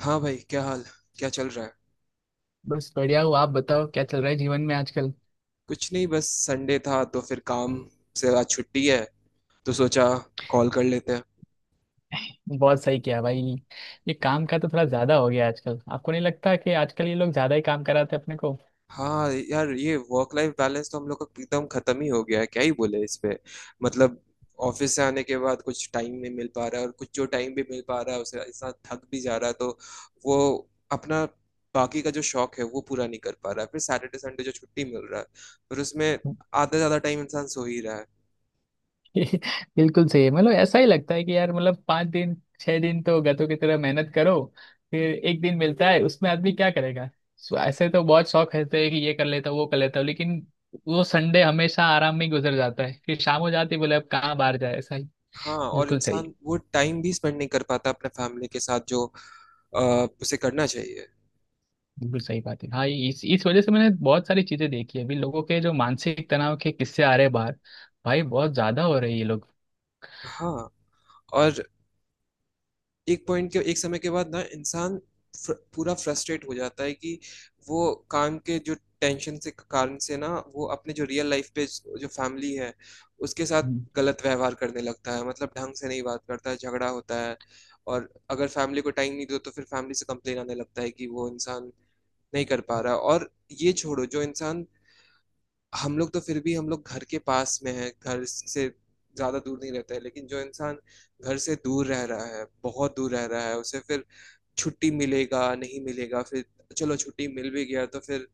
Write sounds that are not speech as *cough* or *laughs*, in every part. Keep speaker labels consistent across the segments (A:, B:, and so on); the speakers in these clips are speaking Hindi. A: हाँ भाई, क्या हाल? क्या चल रहा है?
B: बस बढ़िया हो। आप बताओ क्या चल रहा है जीवन में आजकल।
A: कुछ नहीं, बस संडे था तो फिर काम से आज छुट्टी है, तो सोचा कॉल कर लेते हैं।
B: बहुत सही किया भाई। ये काम का तो थोड़ा ज्यादा हो गया आजकल, आपको नहीं लगता कि आजकल ये लोग ज्यादा ही काम कराते हैं अपने को?
A: हाँ यार, ये वर्क लाइफ बैलेंस तो हम लोग का एकदम खत्म ही हो गया है, क्या ही बोले इस पे। मतलब ऑफिस से आने के बाद कुछ टाइम नहीं मिल पा रहा है, और कुछ जो टाइम भी मिल पा रहा है उसे इंसान थक भी जा रहा है, तो वो अपना बाकी का जो शौक है वो पूरा नहीं कर पा रहा है। फिर सैटरडे संडे जो छुट्टी मिल रहा है, फिर उसमें
B: *laughs*
A: आधा ज्यादा टाइम इंसान सो ही रहा है।
B: बिल्कुल सही है। मतलब ऐसा ही लगता है कि यार, मतलब 5 दिन 6 दिन तो गधों की तरह मेहनत करो, फिर एक दिन मिलता है, उसमें आदमी क्या करेगा। सो ऐसे तो बहुत शौक रहते हैं कि ये कर लेता हूँ वो कर लेता हूँ, लेकिन वो संडे हमेशा आराम में ही गुजर जाता है, फिर शाम हो जाती है, बोले अब कहाँ बाहर जाए, ऐसा ही।
A: हाँ, और
B: बिल्कुल सही।
A: इंसान वो टाइम भी स्पेंड नहीं कर पाता अपने फैमिली के साथ जो उसे करना चाहिए।
B: बिल्कुल सही बात है। हाँ, इस वजह से मैंने बहुत सारी चीजें देखी है। अभी लोगों के जो मानसिक तनाव के किस्से आ रहे हैं बाहर, भाई बहुत ज्यादा हो रही है ये लोग।
A: हाँ, और एक पॉइंट के, एक समय के बाद ना इंसान पूरा फ्रस्ट्रेट हो जाता है कि वो काम के जो टेंशन से, कारण से ना, वो अपने जो रियल लाइफ पे, जो फैमिली है उसके साथ गलत व्यवहार करने लगता है। मतलब ढंग से नहीं बात करता है, झगड़ा होता है। और अगर फैमिली को टाइम नहीं दो तो फिर फैमिली से कंप्लेन आने लगता है कि वो इंसान नहीं कर पा रहा। और ये छोड़ो, जो इंसान, हम लोग तो फिर भी हम लोग घर के पास में है, घर से ज्यादा दूर नहीं रहते हैं, लेकिन जो इंसान घर से दूर रह रहा है, बहुत दूर रह रहा है, उसे फिर छुट्टी मिलेगा नहीं मिलेगा, फिर चलो छुट्टी मिल भी गया तो फिर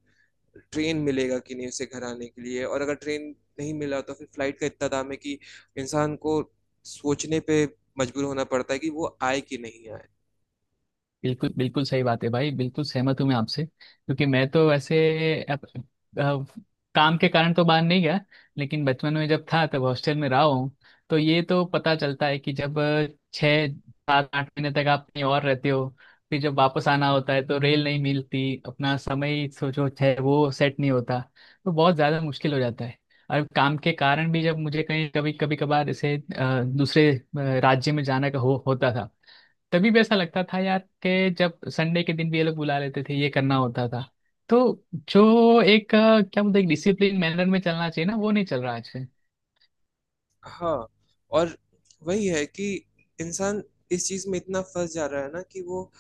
A: ट्रेन मिलेगा कि नहीं उसे घर आने के लिए। और अगर ट्रेन नहीं मिला तो फिर फ्लाइट का इतना दाम है कि इंसान को सोचने पे मजबूर होना पड़ता है कि वो आए कि नहीं आए।
B: बिल्कुल बिल्कुल सही बात है भाई। बिल्कुल सहमत हूँ मैं आपसे, क्योंकि मैं तो वैसे अप, अप, काम के कारण तो बाहर नहीं गया, लेकिन बचपन में जब था तब हॉस्टल में रहा हूँ। तो ये तो पता चलता है कि जब 6 7 8 महीने तक आप कहीं और रहते हो, फिर जब वापस आना होता है तो रेल नहीं मिलती, अपना समय सोचो है वो सेट नहीं होता, तो बहुत ज़्यादा मुश्किल हो जाता है। और काम के कारण भी जब मुझे कहीं कभी कभी कभार जैसे दूसरे राज्य में जाना का होता था, तभी भी ऐसा लगता था यार, कि जब संडे के दिन भी ये लोग बुला लेते थे, ये करना होता था। तो जो एक क्या बोलते हैं, एक डिसिप्लिन मैनर में चलना चाहिए ना, वो नहीं चल रहा आज।
A: हाँ, और वही है कि इंसान इस चीज में इतना फंस जा रहा है ना कि वो,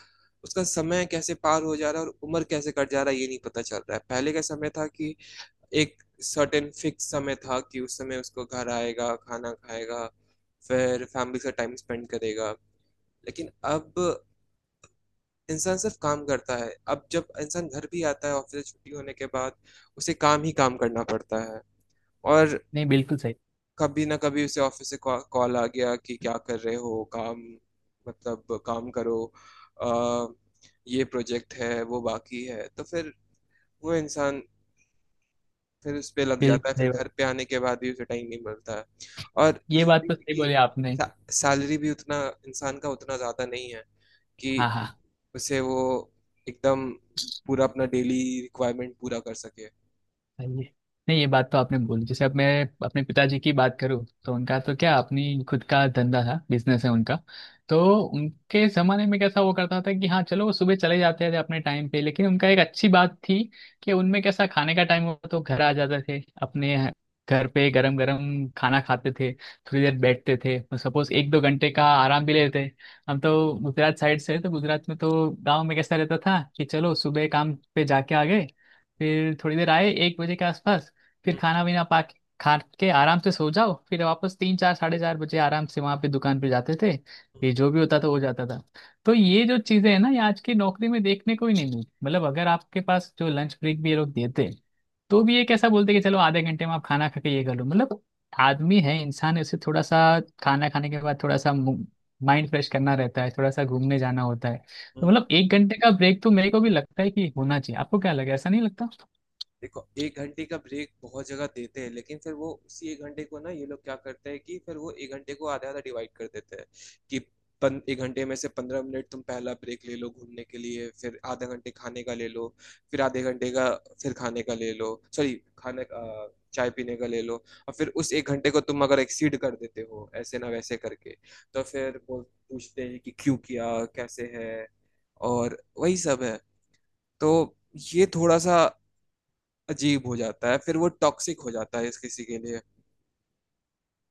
A: उसका समय कैसे पार हो जा रहा है और उम्र कैसे कट जा रहा है ये नहीं पता चल रहा है। पहले का समय था कि एक सर्टेन फिक्स समय था कि उस समय उसको घर आएगा, खाना खाएगा, फिर फैमिली से टाइम स्पेंड करेगा। लेकिन अब इंसान सिर्फ काम करता है। अब जब इंसान घर भी आता है ऑफिस से छुट्टी होने के बाद, उसे काम ही काम करना पड़ता है। और
B: नहीं, बिल्कुल सही।
A: कभी ना कभी उसे ऑफिस से कॉल आ गया कि क्या कर रहे हो, काम मतलब काम करो, आ, ये प्रोजेक्ट है वो बाकी है, तो फिर वो इंसान फिर उस पे लग जाता
B: बिल्कुल
A: है। फिर
B: सही बात।
A: घर पे आने के बाद भी उसे टाइम नहीं मिलता है। और
B: ये
A: ये
B: बात
A: भी
B: तो
A: है
B: सही
A: कि
B: बोली आपने।
A: सैलरी भी उतना इंसान का उतना ज़्यादा नहीं है कि
B: हाँ हाँ।
A: उसे वो एकदम पूरा अपना डेली रिक्वायरमेंट पूरा कर सके।
B: सही है। नहीं, ये बात तो आपने बोली। जैसे अब मैं अपने पिताजी की बात करूँ तो उनका तो क्या, अपनी खुद का धंधा था, बिजनेस है उनका। तो उनके ज़माने में कैसा वो करता था कि हाँ चलो, वो सुबह चले जाते थे अपने टाइम पे, लेकिन उनका एक अच्छी बात थी कि उनमें कैसा खाने का टाइम हुआ तो घर आ जाते थे अपने घर पे, गरम गरम खाना खाते थे, थोड़ी देर बैठते थे, सपोज एक दो घंटे का आराम भी लेते। हम तो गुजरात साइड से हैं, तो गुजरात में तो गांव में कैसा रहता था कि चलो सुबह काम पे जाके आ गए, फिर थोड़ी देर आए 1 बजे के आसपास, फिर
A: हम्म,
B: खाना वाना पा के खा के आराम से सो जाओ, फिर वापस 3 4 साढ़े 4 बजे आराम से वहाँ पे दुकान पे जाते थे,
A: हम्म,
B: फिर जो भी होता था वो जाता था। तो ये जो चीज़ें हैं ना, ये आज की नौकरी में देखने को ही नहीं मिलती। मतलब अगर आपके पास जो लंच ब्रेक भी ये लोग देते, तो
A: हम्म,
B: भी ये कैसा बोलते कि चलो आधे घंटे में आप खाना खा के ये कर लो। मतलब आदमी है, इंसान है, उसे थोड़ा सा खाना खाने के बाद थोड़ा सा माइंड फ्रेश करना रहता है, थोड़ा सा घूमने जाना होता है। तो
A: हम्म।
B: मतलब एक घंटे का ब्रेक तो मेरे को भी लगता है कि होना चाहिए। आपको क्या लगे, ऐसा नहीं लगता?
A: देखो, एक घंटे का ब्रेक बहुत जगह देते हैं, लेकिन फिर वो उसी एक घंटे को ना ये लोग क्या करते हैं कि फिर वो एक घंटे को आधा आधा डिवाइड कर देते हैं कि एक घंटे में से 15 मिनट तुम पहला ब्रेक ले लो घूमने के लिए, फिर आधा घंटे खाने का ले लो, फिर आधे घंटे का, फिर खाने का ले लो, सॉरी खाने चाय पीने का ले लो। और फिर उस एक घंटे को तुम अगर एक्सीड कर देते हो ऐसे ना वैसे करके, तो फिर वो पूछते हैं कि क्यों किया, कैसे है, और वही सब है। तो ये थोड़ा सा अजीब हो जाता है, फिर वो टॉक्सिक हो जाता है इस किसी के लिए।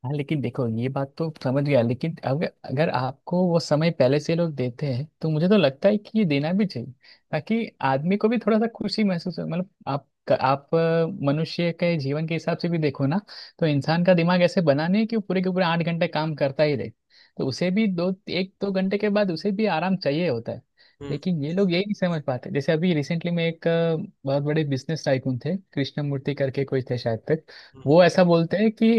B: हाँ, लेकिन देखो ये बात तो समझ गया, लेकिन अगर अगर आपको वो समय पहले से लोग देते हैं तो मुझे तो लगता है कि ये देना भी चाहिए, ताकि आदमी को भी थोड़ा सा खुशी महसूस हो। मतलब आप मनुष्य के जीवन के हिसाब से भी देखो ना। तो इंसान का दिमाग ऐसे बना नहीं है कि वो पूरे के पूरे 8 घंटे काम करता ही रहे। तो उसे भी दो एक दो घंटे के बाद उसे भी आराम चाहिए होता है।
A: हम्म
B: लेकिन ये लोग यही नहीं समझ पाते। जैसे अभी रिसेंटली में एक बहुत बड़े बिजनेस टाइकून थे, कृष्णमूर्ति करके कोई थे शायद तक।
A: हम्म
B: वो ऐसा बोलते हैं कि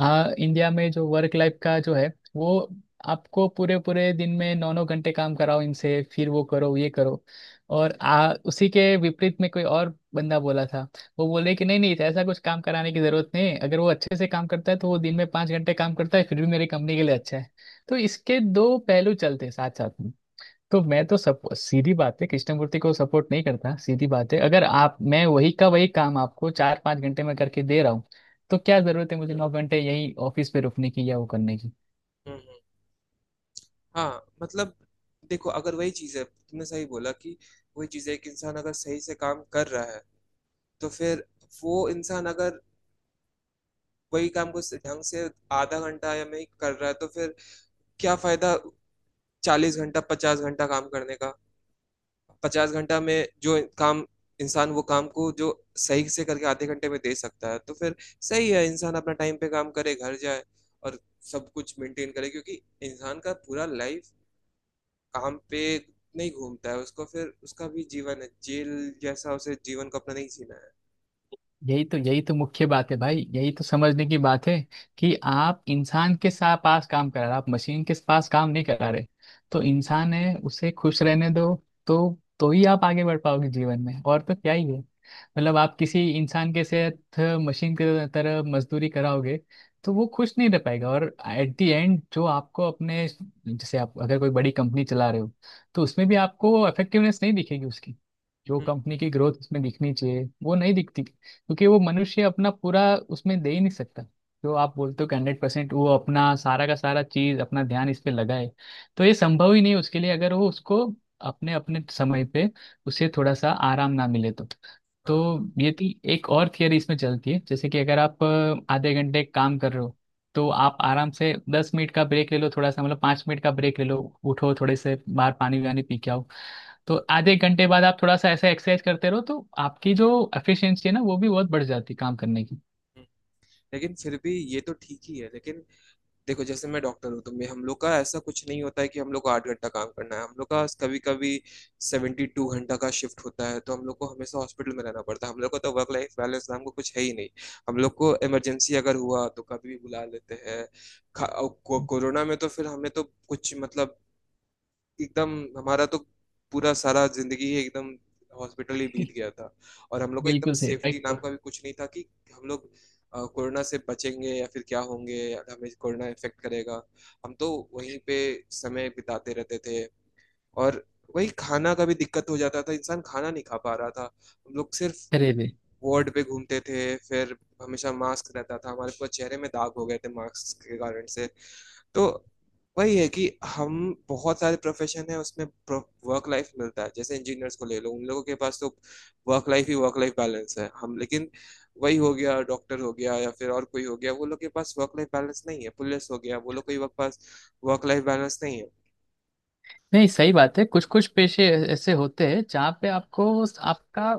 B: हाँ, इंडिया में जो वर्क लाइफ का जो है वो, आपको पूरे पूरे दिन में 9 9 घंटे काम कराओ इनसे, फिर वो करो ये करो। और उसी के विपरीत में कोई और बंदा बोला था, वो बोले कि नहीं नहीं, ऐसा कुछ काम कराने की जरूरत नहीं है, अगर वो अच्छे से काम करता है तो वो दिन में 5 घंटे काम करता है फिर भी मेरी कंपनी के लिए अच्छा है। तो इसके दो पहलू चलते हैं साथ साथ। तो मैं तो सब सीधी बात है, कृष्णमूर्ति को सपोर्ट नहीं करता। सीधी बात है, अगर आप, मैं वही का वही काम आपको 4 5 घंटे में करके दे रहा हूँ, तो क्या जरूरत है मुझे 9 घंटे यही ऑफिस पे रुकने की या वो करने की।
A: हम्म हम्म, हाँ मतलब देखो, अगर वही चीज है, तुमने सही बोला कि वही चीज है कि इंसान अगर सही से काम कर रहा है तो फिर, वो इंसान अगर वही काम को ढंग से आधा घंटा या नहीं कर रहा है तो फिर क्या फायदा 40 घंटा 50 घंटा काम करने का। 50 घंटा में जो काम इंसान वो काम को जो सही से करके आधे घंटे में दे सकता है तो फिर सही है, इंसान अपना टाइम पे काम करे, घर जाए और सब कुछ मेंटेन करे। क्योंकि इंसान का पूरा लाइफ काम पे नहीं घूमता है उसको, फिर उसका भी जीवन है, जेल जैसा उसे जीवन को अपना नहीं जीना है।
B: यही तो, यही तो मुख्य बात है भाई, यही तो समझने की बात है कि आप इंसान के साथ पास काम करा रहे, आप मशीन के पास काम नहीं करा रहे। तो इंसान है, उसे खुश रहने दो। तो ही आप आगे बढ़ पाओगे जीवन में, और तो क्या ही है। मतलब आप किसी इंसान के साथ मशीन के तरह मजदूरी कराओगे तो वो खुश नहीं रह पाएगा। और एट दी एंड जो आपको अपने, जैसे आप अगर कोई बड़ी कंपनी चला रहे हो, तो उसमें भी आपको इफेक्टिवनेस नहीं दिखेगी उसकी। जो
A: हम्म,
B: कंपनी की ग्रोथ उसमें दिखनी चाहिए वो नहीं दिखती, क्योंकि वो मनुष्य अपना पूरा उसमें दे ही नहीं सकता, जो आप बोलते हो कि 100% वो अपना सारा का सारा चीज, अपना ध्यान इस पे लगाए। तो ये संभव ही नहीं उसके लिए, अगर वो उसको अपने अपने समय पे उसे थोड़ा सा आराम ना मिले। तो
A: हम्म,
B: ये थी एक और थियरी इसमें चलती है, जैसे कि अगर आप आधे घंटे काम कर रहे हो, तो आप आराम से 10 मिनट का ब्रेक ले लो, थोड़ा सा मतलब 5 मिनट का ब्रेक ले लो। उठो, थोड़े से बाहर पानी वानी पी के आओ। तो
A: हम्म,
B: आधे एक घंटे बाद आप थोड़ा सा ऐसा एक्सरसाइज करते रहो तो आपकी जो एफिशिएंसी है ना, वो भी बहुत बढ़ जाती है काम करने की।
A: हम्म। लेकिन फिर भी ये तो ठीक ही है, लेकिन देखो जैसे मैं डॉक्टर हूँ तो मैं, हम लोग का ऐसा कुछ नहीं होता है कि हम लोग को 8 घंटा काम करना है। हम लोग का कभी कभी 72 घंटा का शिफ्ट होता है तो हम लोग को हमेशा हॉस्पिटल में रहना पड़ता है। हम लोग को तो वर्क लाइफ बैलेंस नाम को कुछ है ही नहीं। हम लोग को इमरजेंसी अगर हुआ तो कभी भी बुला लेते हैं। कोरोना में तो फिर हमें तो कुछ मतलब एकदम, हमारा तो पूरा सारा जिंदगी ही एकदम हॉस्पिटल ही बीत
B: *laughs*
A: गया था। और हम लोग को एकदम
B: बिल्कुल सही,
A: सेफ्टी
B: राइट।
A: नाम का भी कुछ नहीं था कि हम लोग कोरोना से बचेंगे या फिर क्या होंगे या हमें कोरोना इफेक्ट करेगा। हम तो वहीं पे समय बिताते रहते थे। और वही खाना का भी दिक्कत हो जाता था, इंसान खाना नहीं खा पा रहा था। हम लोग सिर्फ
B: अरे रे।
A: वार्ड पे घूमते थे, फिर हमेशा मास्क रहता था, हमारे पूरे चेहरे में दाग हो गए थे मास्क के कारण से। तो वही है कि हम, बहुत सारे प्रोफेशन है उसमें वर्क लाइफ मिलता है, जैसे इंजीनियर्स को ले लो, उन लोगों के पास तो वर्क लाइफ ही, वर्क लाइफ बैलेंस है हम, लेकिन वही हो गया डॉक्टर हो गया या फिर और कोई हो गया, वो लोग के पास वर्क लाइफ बैलेंस नहीं है। पुलिस हो गया, वो लोग के पास वर्क लाइफ बैलेंस नहीं है।
B: नहीं, सही बात है। कुछ कुछ पेशे ऐसे होते हैं जहाँ पे आपको, आपका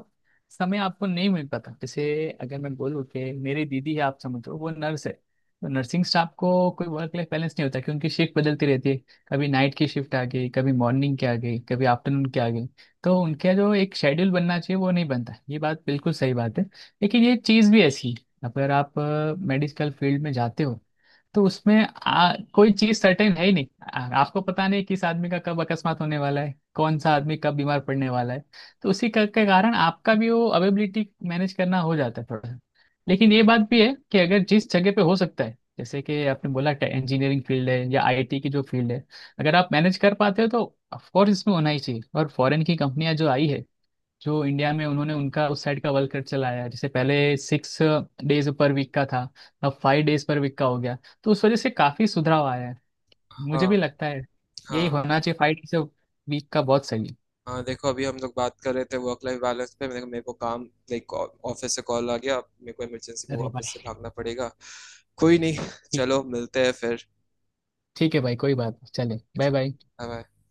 B: समय आपको नहीं मिल पाता। जैसे अगर मैं बोलूँ कि मेरी दीदी है, आप समझो वो नर्स है, तो नर्सिंग स्टाफ को कोई वर्क लाइफ बैलेंस नहीं होता क्योंकि उनकी शिफ्ट बदलती रहती है। कभी नाइट की शिफ्ट आ गई, कभी मॉर्निंग की आ गई, कभी आफ्टरनून की आ गई। तो उनका जो एक शेड्यूल बनना चाहिए वो नहीं बनता, ये बात बिल्कुल सही बात है। लेकिन ये चीज़ भी ऐसी है, अगर आप मेडिकल फील्ड में जाते हो तो उसमें कोई चीज सर्टेन है ही नहीं। आपको पता नहीं किस आदमी का कब अकस्मात होने वाला है, कौन सा आदमी कब बीमार पड़ने वाला है। तो उसी का के कारण आपका भी वो अवेबिलिटी मैनेज करना हो जाता है थोड़ा सा। लेकिन ये बात भी है कि अगर जिस जगह पे हो सकता है, जैसे कि आपने बोला इंजीनियरिंग फील्ड है या आईटी की जो फील्ड है, अगर आप मैनेज कर पाते हो तो ऑफकोर्स इसमें होना ही चाहिए। और फॉरेन की कंपनियां जो आई है जो इंडिया में, उन्होंने उनका उस साइड का वर्ल्ड कप चलाया है। जैसे पहले 6 डेज पर वीक का था, अब 5 डेज पर वीक का हो गया। तो उस वजह से काफी सुधराव आया है,
A: हाँ।
B: मुझे भी लगता है यही
A: हाँ।
B: होना चाहिए, 5 डेज वीक का बहुत सही है।
A: हाँ, देखो अभी हम लोग बात कर रहे थे वर्क लाइफ बैलेंस पे, मेरे को काम, लाइक ऑफिस से कॉल आ गया, मेरे को इमरजेंसी में
B: अरे
A: वापस
B: भाई,
A: से भागना पड़ेगा। कोई नहीं,
B: ठीक।
A: चलो मिलते हैं फिर।
B: ठीक है भाई, कोई बात नहीं, चले। Bye bye.
A: Bye-bye.